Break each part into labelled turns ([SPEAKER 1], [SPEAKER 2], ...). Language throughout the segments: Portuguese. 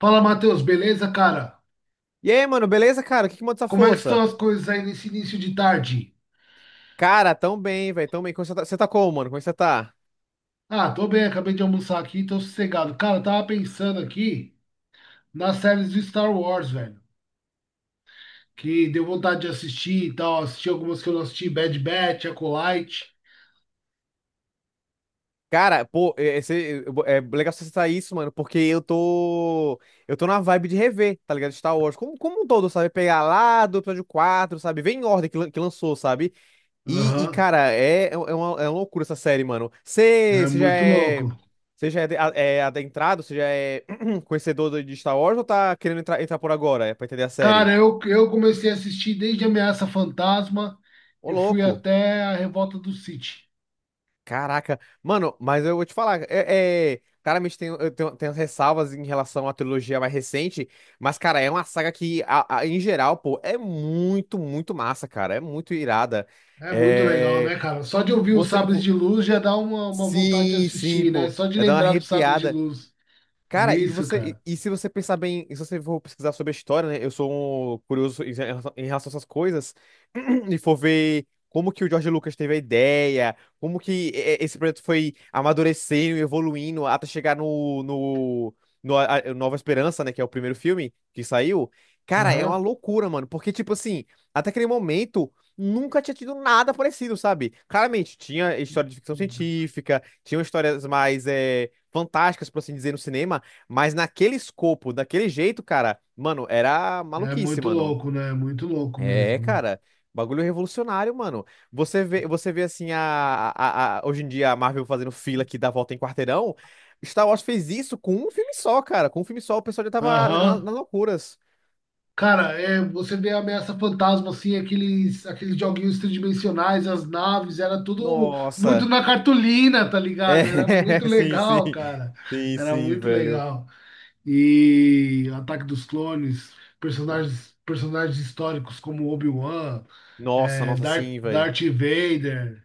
[SPEAKER 1] Fala, Matheus, beleza, cara?
[SPEAKER 2] E aí, mano, beleza, cara? O que que manda essa
[SPEAKER 1] Como é que
[SPEAKER 2] força?
[SPEAKER 1] estão as coisas aí nesse início de tarde?
[SPEAKER 2] Cara, tão bem, velho, tão bem. Como você tá como, mano? Como é que você tá?
[SPEAKER 1] Ah, tô bem, acabei de almoçar aqui, tô sossegado. Cara, eu tava pensando aqui nas séries do Star Wars, velho, que deu vontade de assistir e tal. Assisti algumas que eu não assisti, Bad Batch, Acolyte.
[SPEAKER 2] Cara, pô, é legal você citar isso, mano, porque eu tô. Eu tô na vibe de rever, tá ligado? Star Wars. Como um todo, sabe? Pegar lá do episódio 4, sabe? Vem em ordem que lançou, sabe? E,
[SPEAKER 1] Aham,
[SPEAKER 2] cara, é, é, um, é uma loucura essa série, mano. Você
[SPEAKER 1] é
[SPEAKER 2] já
[SPEAKER 1] muito louco.
[SPEAKER 2] é. É adentrado? Você já é conhecedor de Star Wars ou tá querendo entrar, entrar por agora? É pra entender a
[SPEAKER 1] Cara,
[SPEAKER 2] série?
[SPEAKER 1] eu comecei a assistir desde Ameaça Fantasma
[SPEAKER 2] Ô,
[SPEAKER 1] e fui
[SPEAKER 2] louco.
[SPEAKER 1] até a Revolta do Sith.
[SPEAKER 2] Caraca, mano, mas eu vou te falar, claramente tenho as ressalvas em relação à trilogia mais recente, mas, cara, é uma saga que em geral, pô, é muito, muito massa, cara, é muito irada.
[SPEAKER 1] É muito legal,
[SPEAKER 2] É,
[SPEAKER 1] né, cara? Só de ouvir os
[SPEAKER 2] você,
[SPEAKER 1] Sabres
[SPEAKER 2] vo-
[SPEAKER 1] de Luz já dá uma vontade de
[SPEAKER 2] sim, sim,
[SPEAKER 1] assistir, né?
[SPEAKER 2] pô,
[SPEAKER 1] Só de
[SPEAKER 2] é dar uma
[SPEAKER 1] lembrar dos Sabres de
[SPEAKER 2] arrepiada.
[SPEAKER 1] Luz.
[SPEAKER 2] Cara, e
[SPEAKER 1] Isso,
[SPEAKER 2] você,
[SPEAKER 1] cara.
[SPEAKER 2] e, e se você pensar bem, se você for pesquisar sobre a história, né? Eu sou um curioso em relação a essas coisas, e for ver como que o George Lucas teve a ideia, como que esse projeto foi amadurecendo e evoluindo até chegar no Nova Esperança, né? Que é o primeiro filme que saiu. Cara, é uma
[SPEAKER 1] Aham.
[SPEAKER 2] loucura, mano, porque, tipo assim, até aquele momento. Nunca tinha tido nada parecido, sabe? Claramente, tinha história de ficção científica, tinham histórias mais fantásticas, por assim dizer, no cinema. Mas naquele escopo, daquele jeito, cara, mano, era
[SPEAKER 1] É
[SPEAKER 2] maluquice,
[SPEAKER 1] muito
[SPEAKER 2] mano.
[SPEAKER 1] louco, né? É muito louco
[SPEAKER 2] É,
[SPEAKER 1] mesmo, né?
[SPEAKER 2] cara, bagulho revolucionário, mano. Você vê assim, hoje em dia a Marvel fazendo fila que dá volta em quarteirão. Star Wars fez isso com um filme só, cara. Com um filme só, o pessoal já tava
[SPEAKER 1] Aham.
[SPEAKER 2] nas loucuras.
[SPEAKER 1] Cara, é, você vê a Ameaça Fantasma, assim, aqueles joguinhos tridimensionais, as naves, era tudo muito
[SPEAKER 2] Nossa.
[SPEAKER 1] na cartolina, tá ligado? Era muito
[SPEAKER 2] É, sim, sim.
[SPEAKER 1] legal, cara.
[SPEAKER 2] Sim,
[SPEAKER 1] Era
[SPEAKER 2] sim,
[SPEAKER 1] muito
[SPEAKER 2] velho.
[SPEAKER 1] legal. E Ataque dos Clones, personagens históricos como Obi-Wan,
[SPEAKER 2] Nossa,
[SPEAKER 1] é,
[SPEAKER 2] nossa, sim, velho.
[SPEAKER 1] Darth Vader.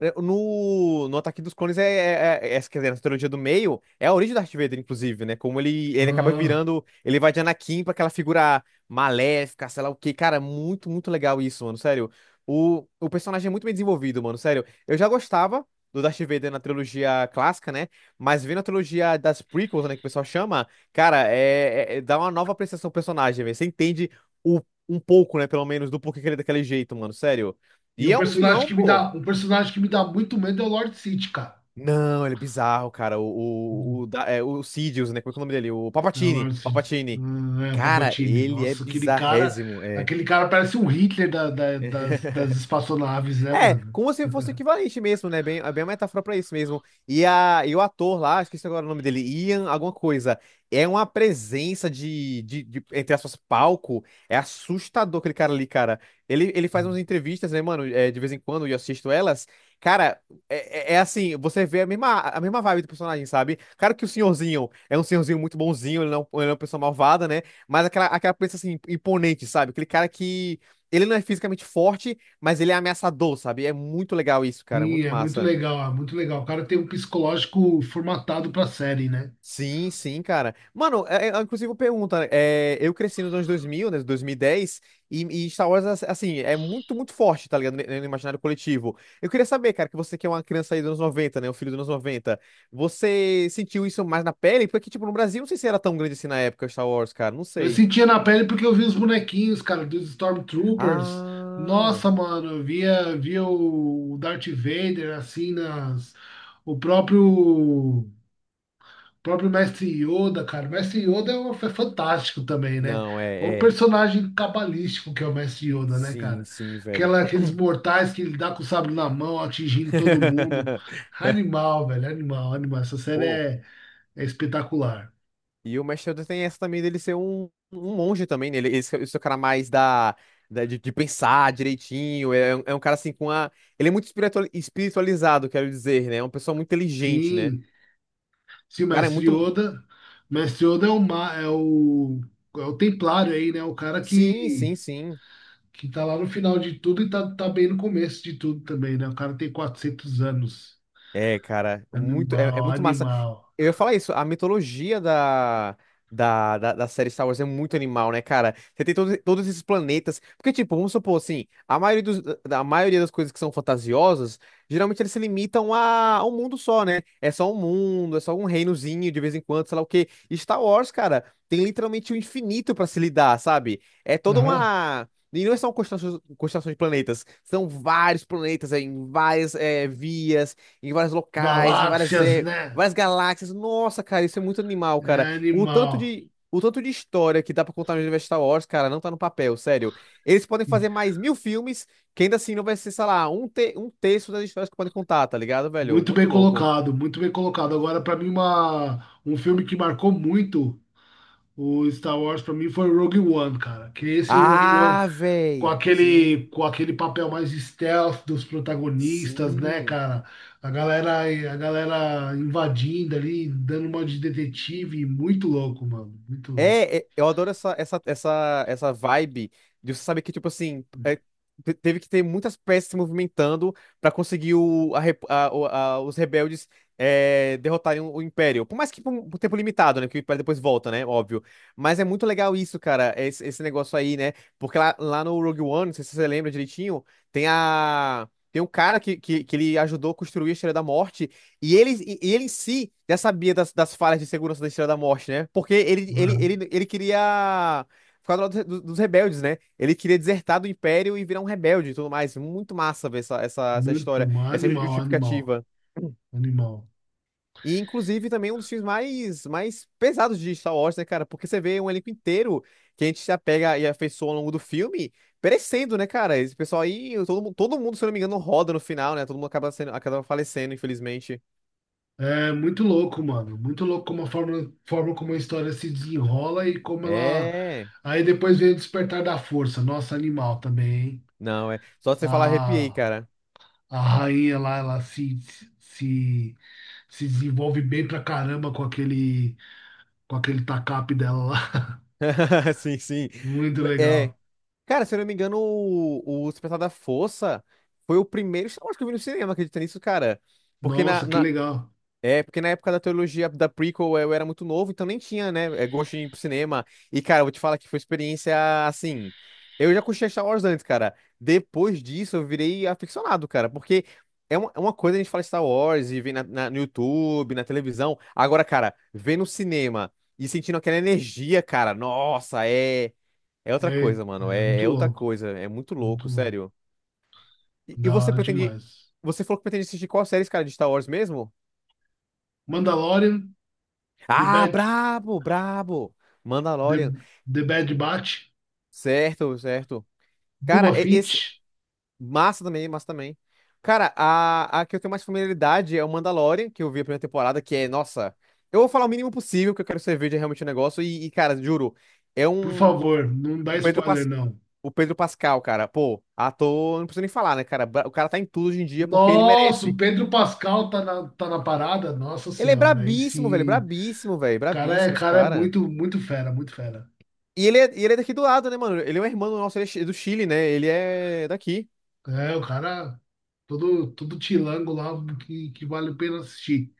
[SPEAKER 2] É, no Ataque dos Clones quer dizer, na trilogia do meio, é a origem do Darth Vader, inclusive, né? Como ele acaba
[SPEAKER 1] Aham.
[SPEAKER 2] virando, ele vai de Anakin pra aquela figura maléfica, sei lá o quê. Cara, muito, muito legal isso, mano, sério. O personagem é muito bem desenvolvido, mano, sério. Eu já gostava do Darth Vader na trilogia clássica, né? Mas vendo a trilogia das prequels, né, que o pessoal chama, cara, dá uma nova apreciação ao personagem, velho. Você entende o, um pouco, né, pelo menos, do porquê que ele é daquele jeito, mano, sério.
[SPEAKER 1] E
[SPEAKER 2] E
[SPEAKER 1] um
[SPEAKER 2] é um
[SPEAKER 1] personagem
[SPEAKER 2] vilão,
[SPEAKER 1] que me
[SPEAKER 2] pô.
[SPEAKER 1] dá, um personagem que me dá muito medo é o Lord Sith, cara.
[SPEAKER 2] Não, ele é bizarro, cara.
[SPEAKER 1] Hum.
[SPEAKER 2] O Sidious, né? Como é que é o nome dele? O
[SPEAKER 1] É o
[SPEAKER 2] Palpatine.
[SPEAKER 1] Lord Sith.
[SPEAKER 2] Palpatine.
[SPEAKER 1] Hum. É, o
[SPEAKER 2] Cara,
[SPEAKER 1] Palpatine.
[SPEAKER 2] ele é
[SPEAKER 1] Nossa,
[SPEAKER 2] bizarrésimo. É.
[SPEAKER 1] aquele cara parece um Hitler das espaçonaves, né,
[SPEAKER 2] É,
[SPEAKER 1] mano?
[SPEAKER 2] como se fosse equivalente mesmo, né? Bem, é bem uma metáfora pra isso mesmo. E o ator lá, esqueci agora o nome dele, Ian alguma coisa, é uma presença de entre aspas, palco. É assustador aquele cara ali, cara. Ele faz umas entrevistas, né, mano? É, de vez em quando, e eu assisto elas. Cara, é assim, você vê a mesma vibe do personagem, sabe? Claro que o senhorzinho é um senhorzinho muito bonzinho, ele não é uma pessoa malvada, né? Mas aquela presença, assim, imponente, sabe? Aquele cara que... Ele não é fisicamente forte, mas ele é ameaçador, sabe? É muito legal isso, cara.
[SPEAKER 1] Sim,
[SPEAKER 2] Muito
[SPEAKER 1] é muito
[SPEAKER 2] massa.
[SPEAKER 1] legal, é muito legal. O cara tem um psicológico formatado pra série, né?
[SPEAKER 2] Sim, sim, cara. Mano, inclusive pergunta, eu cresci nos anos 2000, né, 2010. E Star Wars, assim, é muito, muito forte, tá ligado? No imaginário coletivo. Eu queria saber, cara, que você que é uma criança aí dos anos 90, né, um filho dos anos 90, você sentiu isso mais na pele? Porque, tipo, no Brasil, não sei se era tão grande assim na época, Star Wars, cara, não
[SPEAKER 1] Eu
[SPEAKER 2] sei.
[SPEAKER 1] sentia na pele porque eu vi os bonequinhos, cara, dos Stormtroopers.
[SPEAKER 2] Ah,
[SPEAKER 1] Nossa, mano, eu via, via o Darth Vader, assim, nas... O próprio, próprio Mestre Yoda, cara. O Mestre Yoda é, é fantástico também, né?
[SPEAKER 2] não,
[SPEAKER 1] O
[SPEAKER 2] é, é.
[SPEAKER 1] personagem cabalístico que é o Mestre Yoda, né,
[SPEAKER 2] Sim,
[SPEAKER 1] cara?
[SPEAKER 2] sim, velho.
[SPEAKER 1] Aquela, aqueles mortais que ele dá com o sabre na mão, atingindo todo mundo. Animal, velho, animal, animal. Essa série
[SPEAKER 2] Pô.
[SPEAKER 1] é, é espetacular.
[SPEAKER 2] E o Mash Elder tem essa também dele ser um, um monge também, né? Esse é o cara mais de pensar direitinho. É um cara assim com a. Ele é muito espiritual espiritualizado, quero dizer, né? É uma pessoa muito inteligente, né?
[SPEAKER 1] Sim. Se o
[SPEAKER 2] Cara, é
[SPEAKER 1] Mestre
[SPEAKER 2] muito.
[SPEAKER 1] Yoda. O Mestre Yoda é é o, é o Templário aí, né? O cara
[SPEAKER 2] Sim, sim, sim.
[SPEAKER 1] que tá lá no final de tudo e tá, tá bem no começo de tudo também, né? O cara tem 400 anos.
[SPEAKER 2] É, cara, muito, é
[SPEAKER 1] Animal,
[SPEAKER 2] muito massa.
[SPEAKER 1] animal.
[SPEAKER 2] Eu ia falar isso, a mitologia da série Star Wars é muito animal, né, cara? Você tem todos esses planetas. Porque, tipo, vamos supor assim, a maioria das coisas que são fantasiosas, geralmente eles se limitam a um mundo só, né? É só um mundo, é só um reinozinho de vez em quando, sei lá o quê. E Star Wars, cara, tem literalmente o infinito pra se lidar, sabe? É toda
[SPEAKER 1] Aham.
[SPEAKER 2] uma. E não são constelações, constelações de planetas, são vários planetas em em vários locais, em
[SPEAKER 1] Galáxias, né?
[SPEAKER 2] várias galáxias. Nossa, cara, isso é muito animal,
[SPEAKER 1] É
[SPEAKER 2] cara. O tanto
[SPEAKER 1] animal.
[SPEAKER 2] de. O tanto de história que dá pra contar no universo Star Wars, cara, não tá no papel, sério. Eles podem
[SPEAKER 1] E
[SPEAKER 2] fazer mais 1.000 filmes, que ainda assim não vai ser, sei lá, um, te um terço das histórias que podem contar, tá ligado, velho?
[SPEAKER 1] muito bem
[SPEAKER 2] Muito louco.
[SPEAKER 1] colocado, muito bem colocado. Agora, pra mim, uma, um filme que marcou muito o Star Wars, pra mim, foi o Rogue One, cara. Que esse Rogue One
[SPEAKER 2] Ah, véi. Sim,
[SPEAKER 1] com aquele papel mais stealth dos protagonistas, né,
[SPEAKER 2] sim.
[SPEAKER 1] cara? A galera, a galera invadindo ali, dando uma de detetive, muito louco, mano, muito louco.
[SPEAKER 2] É, é, eu adoro essa vibe de você saber que, tipo assim, teve que ter muitas peças se movimentando pra conseguir o, a rep- a- o- a- os rebeldes derrotarem o Império. Por mais que por um por tempo limitado, né? Que o Império depois volta, né? Óbvio. Mas é muito legal isso, cara, esse negócio aí, né? Porque lá no Rogue One, não sei se você lembra direitinho, tem a. Tem um cara que ele ajudou a construir a Estrela da Morte. E ele em si já sabia das falhas de segurança da Estrela da Morte, né? Porque
[SPEAKER 1] Aham.
[SPEAKER 2] ele queria ficar do lado dos rebeldes, né? Ele queria desertar do Império e virar um rebelde e tudo mais. Muito massa ver essa
[SPEAKER 1] Muito,
[SPEAKER 2] história,
[SPEAKER 1] mano,
[SPEAKER 2] essa
[SPEAKER 1] animal, animal,
[SPEAKER 2] justificativa.
[SPEAKER 1] animal.
[SPEAKER 2] E, inclusive, também um dos filmes mais pesados de Star Wars, né, cara? Porque você vê um elenco inteiro que a gente se apega e afeiçoa ao longo do filme, perecendo, né, cara? Esse pessoal aí, todo mundo, se eu não me engano, roda no final, né? Todo mundo acaba, sendo, acaba falecendo, infelizmente.
[SPEAKER 1] É muito louco, mano. Muito louco como a forma, forma como a história se desenrola e como ela.
[SPEAKER 2] É.
[SPEAKER 1] Aí depois vem o Despertar da Força. Nossa, animal também, hein?
[SPEAKER 2] Não, é. Só de você falar arrepiei,
[SPEAKER 1] A,
[SPEAKER 2] cara.
[SPEAKER 1] a rainha lá, ela se, se, se desenvolve bem pra caramba com aquele tacape dela lá.
[SPEAKER 2] Sim, sim.
[SPEAKER 1] Muito
[SPEAKER 2] M- É.
[SPEAKER 1] legal.
[SPEAKER 2] Cara, se eu não me engano, o Despertar da Força foi o primeiro Star Wars que eu vi no cinema, acredita nisso, cara? Porque
[SPEAKER 1] Nossa, que legal.
[SPEAKER 2] é, porque na época da teologia da prequel eu era muito novo, então nem tinha, né, é, gosto de ir pro cinema. E, cara, eu vou te falar que foi experiência assim. Eu já curti Star Wars antes, cara. Depois disso eu virei aficionado, cara, porque é uma coisa a gente fala Star Wars e ver no YouTube, na televisão. Agora, cara, ver no cinema e sentindo aquela energia, cara, nossa, é, é outra
[SPEAKER 1] É,
[SPEAKER 2] coisa, mano.
[SPEAKER 1] é
[SPEAKER 2] É,
[SPEAKER 1] muito
[SPEAKER 2] é outra
[SPEAKER 1] louco.
[SPEAKER 2] coisa. É muito
[SPEAKER 1] Muito
[SPEAKER 2] louco,
[SPEAKER 1] louco.
[SPEAKER 2] sério. E
[SPEAKER 1] Da
[SPEAKER 2] você
[SPEAKER 1] hora
[SPEAKER 2] pretende.
[SPEAKER 1] demais.
[SPEAKER 2] Você falou que pretende assistir qual série, cara, de Star Wars mesmo?
[SPEAKER 1] Mandalorian, The
[SPEAKER 2] Ah,
[SPEAKER 1] Bad,
[SPEAKER 2] brabo, brabo. Mandalorian.
[SPEAKER 1] The, The Bad Batch,
[SPEAKER 2] Certo, certo. Cara,
[SPEAKER 1] Boba
[SPEAKER 2] e- esse.
[SPEAKER 1] Fett.
[SPEAKER 2] Massa também, massa também. Cara, a que eu tenho mais familiaridade é o Mandalorian, que eu vi a primeira temporada, que é, nossa. Eu vou falar o mínimo possível, que eu quero que você veja realmente o negócio. Cara, juro, é
[SPEAKER 1] Por
[SPEAKER 2] um. O
[SPEAKER 1] favor, não dá
[SPEAKER 2] o Pedro,
[SPEAKER 1] spoiler,
[SPEAKER 2] Pas,
[SPEAKER 1] não.
[SPEAKER 2] o Pedro Pascal, cara, pô, ator, não preciso nem falar, né, cara? Bra- O cara tá em tudo hoje em dia porque ele
[SPEAKER 1] Nossa, o
[SPEAKER 2] merece.
[SPEAKER 1] Pedro Pascal tá na, tá na parada? Nossa
[SPEAKER 2] Ele é
[SPEAKER 1] senhora, aí
[SPEAKER 2] brabíssimo, velho,
[SPEAKER 1] sim. O
[SPEAKER 2] brabíssimo, velho, brabíssimo esse
[SPEAKER 1] cara é
[SPEAKER 2] cara.
[SPEAKER 1] muito, muito fera, muito fera.
[SPEAKER 2] E ele é daqui do lado, né, mano? Ele é um irmão nosso, ele é chi- do Chile, né? Ele é daqui.
[SPEAKER 1] É, o cara, todo, todo tilango lá que vale a pena assistir.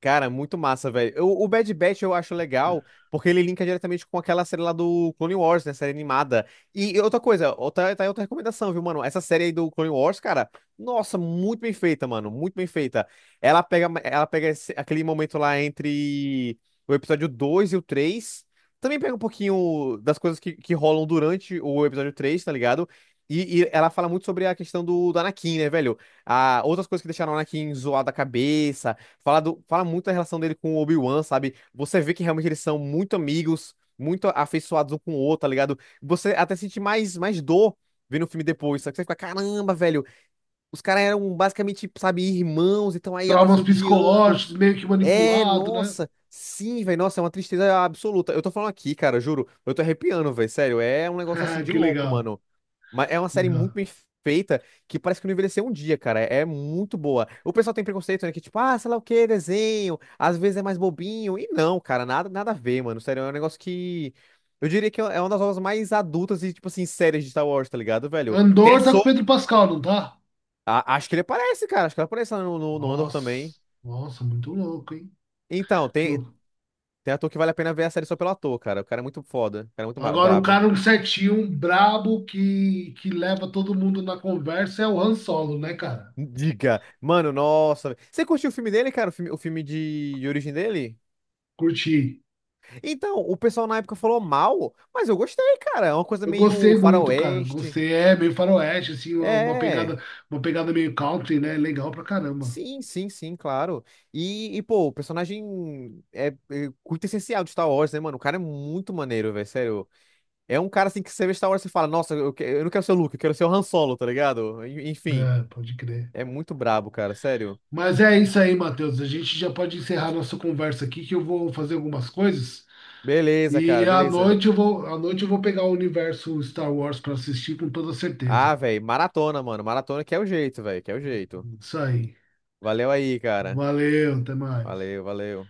[SPEAKER 2] Cara, muito massa, velho. Eu- O Bad Batch eu acho legal, porque ele linka diretamente com aquela série lá do Clone Wars, né? Série animada. E outra coisa, outra, tá aí outra recomendação, viu, mano? Essa série aí do Clone Wars, cara, nossa, muito bem feita, mano. Muito bem feita. Ela pega aquele momento lá entre o episódio 2 e o três. Também pega um pouquinho das coisas que rolam durante o episódio 3, tá ligado? E ela fala muito sobre a questão do Anakin, né, velho? Ah, outras coisas que deixaram o Anakin zoado da cabeça. Fala muito da relação dele com o Obi-Wan, sabe? Você vê que realmente eles são muito amigos, muito afeiçoados um com o outro, tá ligado? Você até sente mais dor vendo o filme depois, sabe? Você fica, caramba, velho, os caras eram basicamente, sabe, irmãos, então aí agora se
[SPEAKER 1] Traumas
[SPEAKER 2] odiando.
[SPEAKER 1] psicológicos, meio que
[SPEAKER 2] É,
[SPEAKER 1] manipulado, né?
[SPEAKER 2] nossa, sim, velho, nossa, é uma tristeza absoluta. Eu tô falando aqui, cara, juro, eu tô arrepiando, velho, sério, é um negócio assim de
[SPEAKER 1] Que
[SPEAKER 2] louco,
[SPEAKER 1] legal,
[SPEAKER 2] mano. Mas é uma série muito
[SPEAKER 1] legal.
[SPEAKER 2] bem feita que parece que não envelheceu um dia, cara. É muito boa. O pessoal tem preconceito, né? Que tipo, ah, sei lá o que, desenho. Às vezes é mais bobinho. E não, cara, nada, nada a ver, mano. Sério, é um negócio que. Eu diria que é uma das obras mais adultas e, tipo assim, séries de Star Wars, tá ligado, velho? Tem a
[SPEAKER 1] Andor tá com
[SPEAKER 2] So.
[SPEAKER 1] o Pedro Pascal, não tá?
[SPEAKER 2] A- acho que ele aparece, cara. Acho que ele aparece lá no Andor também.
[SPEAKER 1] Nossa, nossa, muito louco, hein?
[SPEAKER 2] Então, tem,
[SPEAKER 1] Louco.
[SPEAKER 2] tem ator que vale a pena ver a série só pelo ator, cara. O cara é muito foda. O cara é muito ma-
[SPEAKER 1] Agora, o
[SPEAKER 2] brabo.
[SPEAKER 1] cara um certinho, um brabo que leva todo mundo na conversa é o Han Solo, né, cara?
[SPEAKER 2] Diga. Mano, nossa. Você curtiu o filme dele, cara? O filme de origem dele?
[SPEAKER 1] Curti.
[SPEAKER 2] Então, o pessoal na época falou mal, mas eu gostei, cara. É uma coisa
[SPEAKER 1] Eu
[SPEAKER 2] meio
[SPEAKER 1] gostei muito, cara.
[SPEAKER 2] faroeste.
[SPEAKER 1] Gostei. É meio faroeste, assim,
[SPEAKER 2] É.
[SPEAKER 1] uma pegada meio country, né? Legal pra caramba.
[SPEAKER 2] Sim, sim, sim, claro. Pô, o personagem é muito essencial de Star Wars, né, mano? O cara é muito maneiro, velho, sério. É um cara, assim, que você vê Star Wars e fala, nossa, eu não quero ser o Luke, eu quero ser o Han Solo, tá ligado? En- Enfim,
[SPEAKER 1] É, pode crer.
[SPEAKER 2] é muito brabo, cara, sério.
[SPEAKER 1] Mas é isso aí, Matheus. A gente já pode encerrar nossa conversa aqui, que eu vou fazer algumas coisas.
[SPEAKER 2] Beleza,
[SPEAKER 1] E
[SPEAKER 2] cara,
[SPEAKER 1] à
[SPEAKER 2] beleza.
[SPEAKER 1] noite eu vou, à noite eu vou pegar o universo Star Wars pra assistir com toda
[SPEAKER 2] Ah,
[SPEAKER 1] certeza.
[SPEAKER 2] velho, maratona, mano. Maratona que é o jeito, velho, que é o jeito.
[SPEAKER 1] Isso aí.
[SPEAKER 2] Valeu aí, cara.
[SPEAKER 1] Valeu, até mais.
[SPEAKER 2] Valeu, valeu.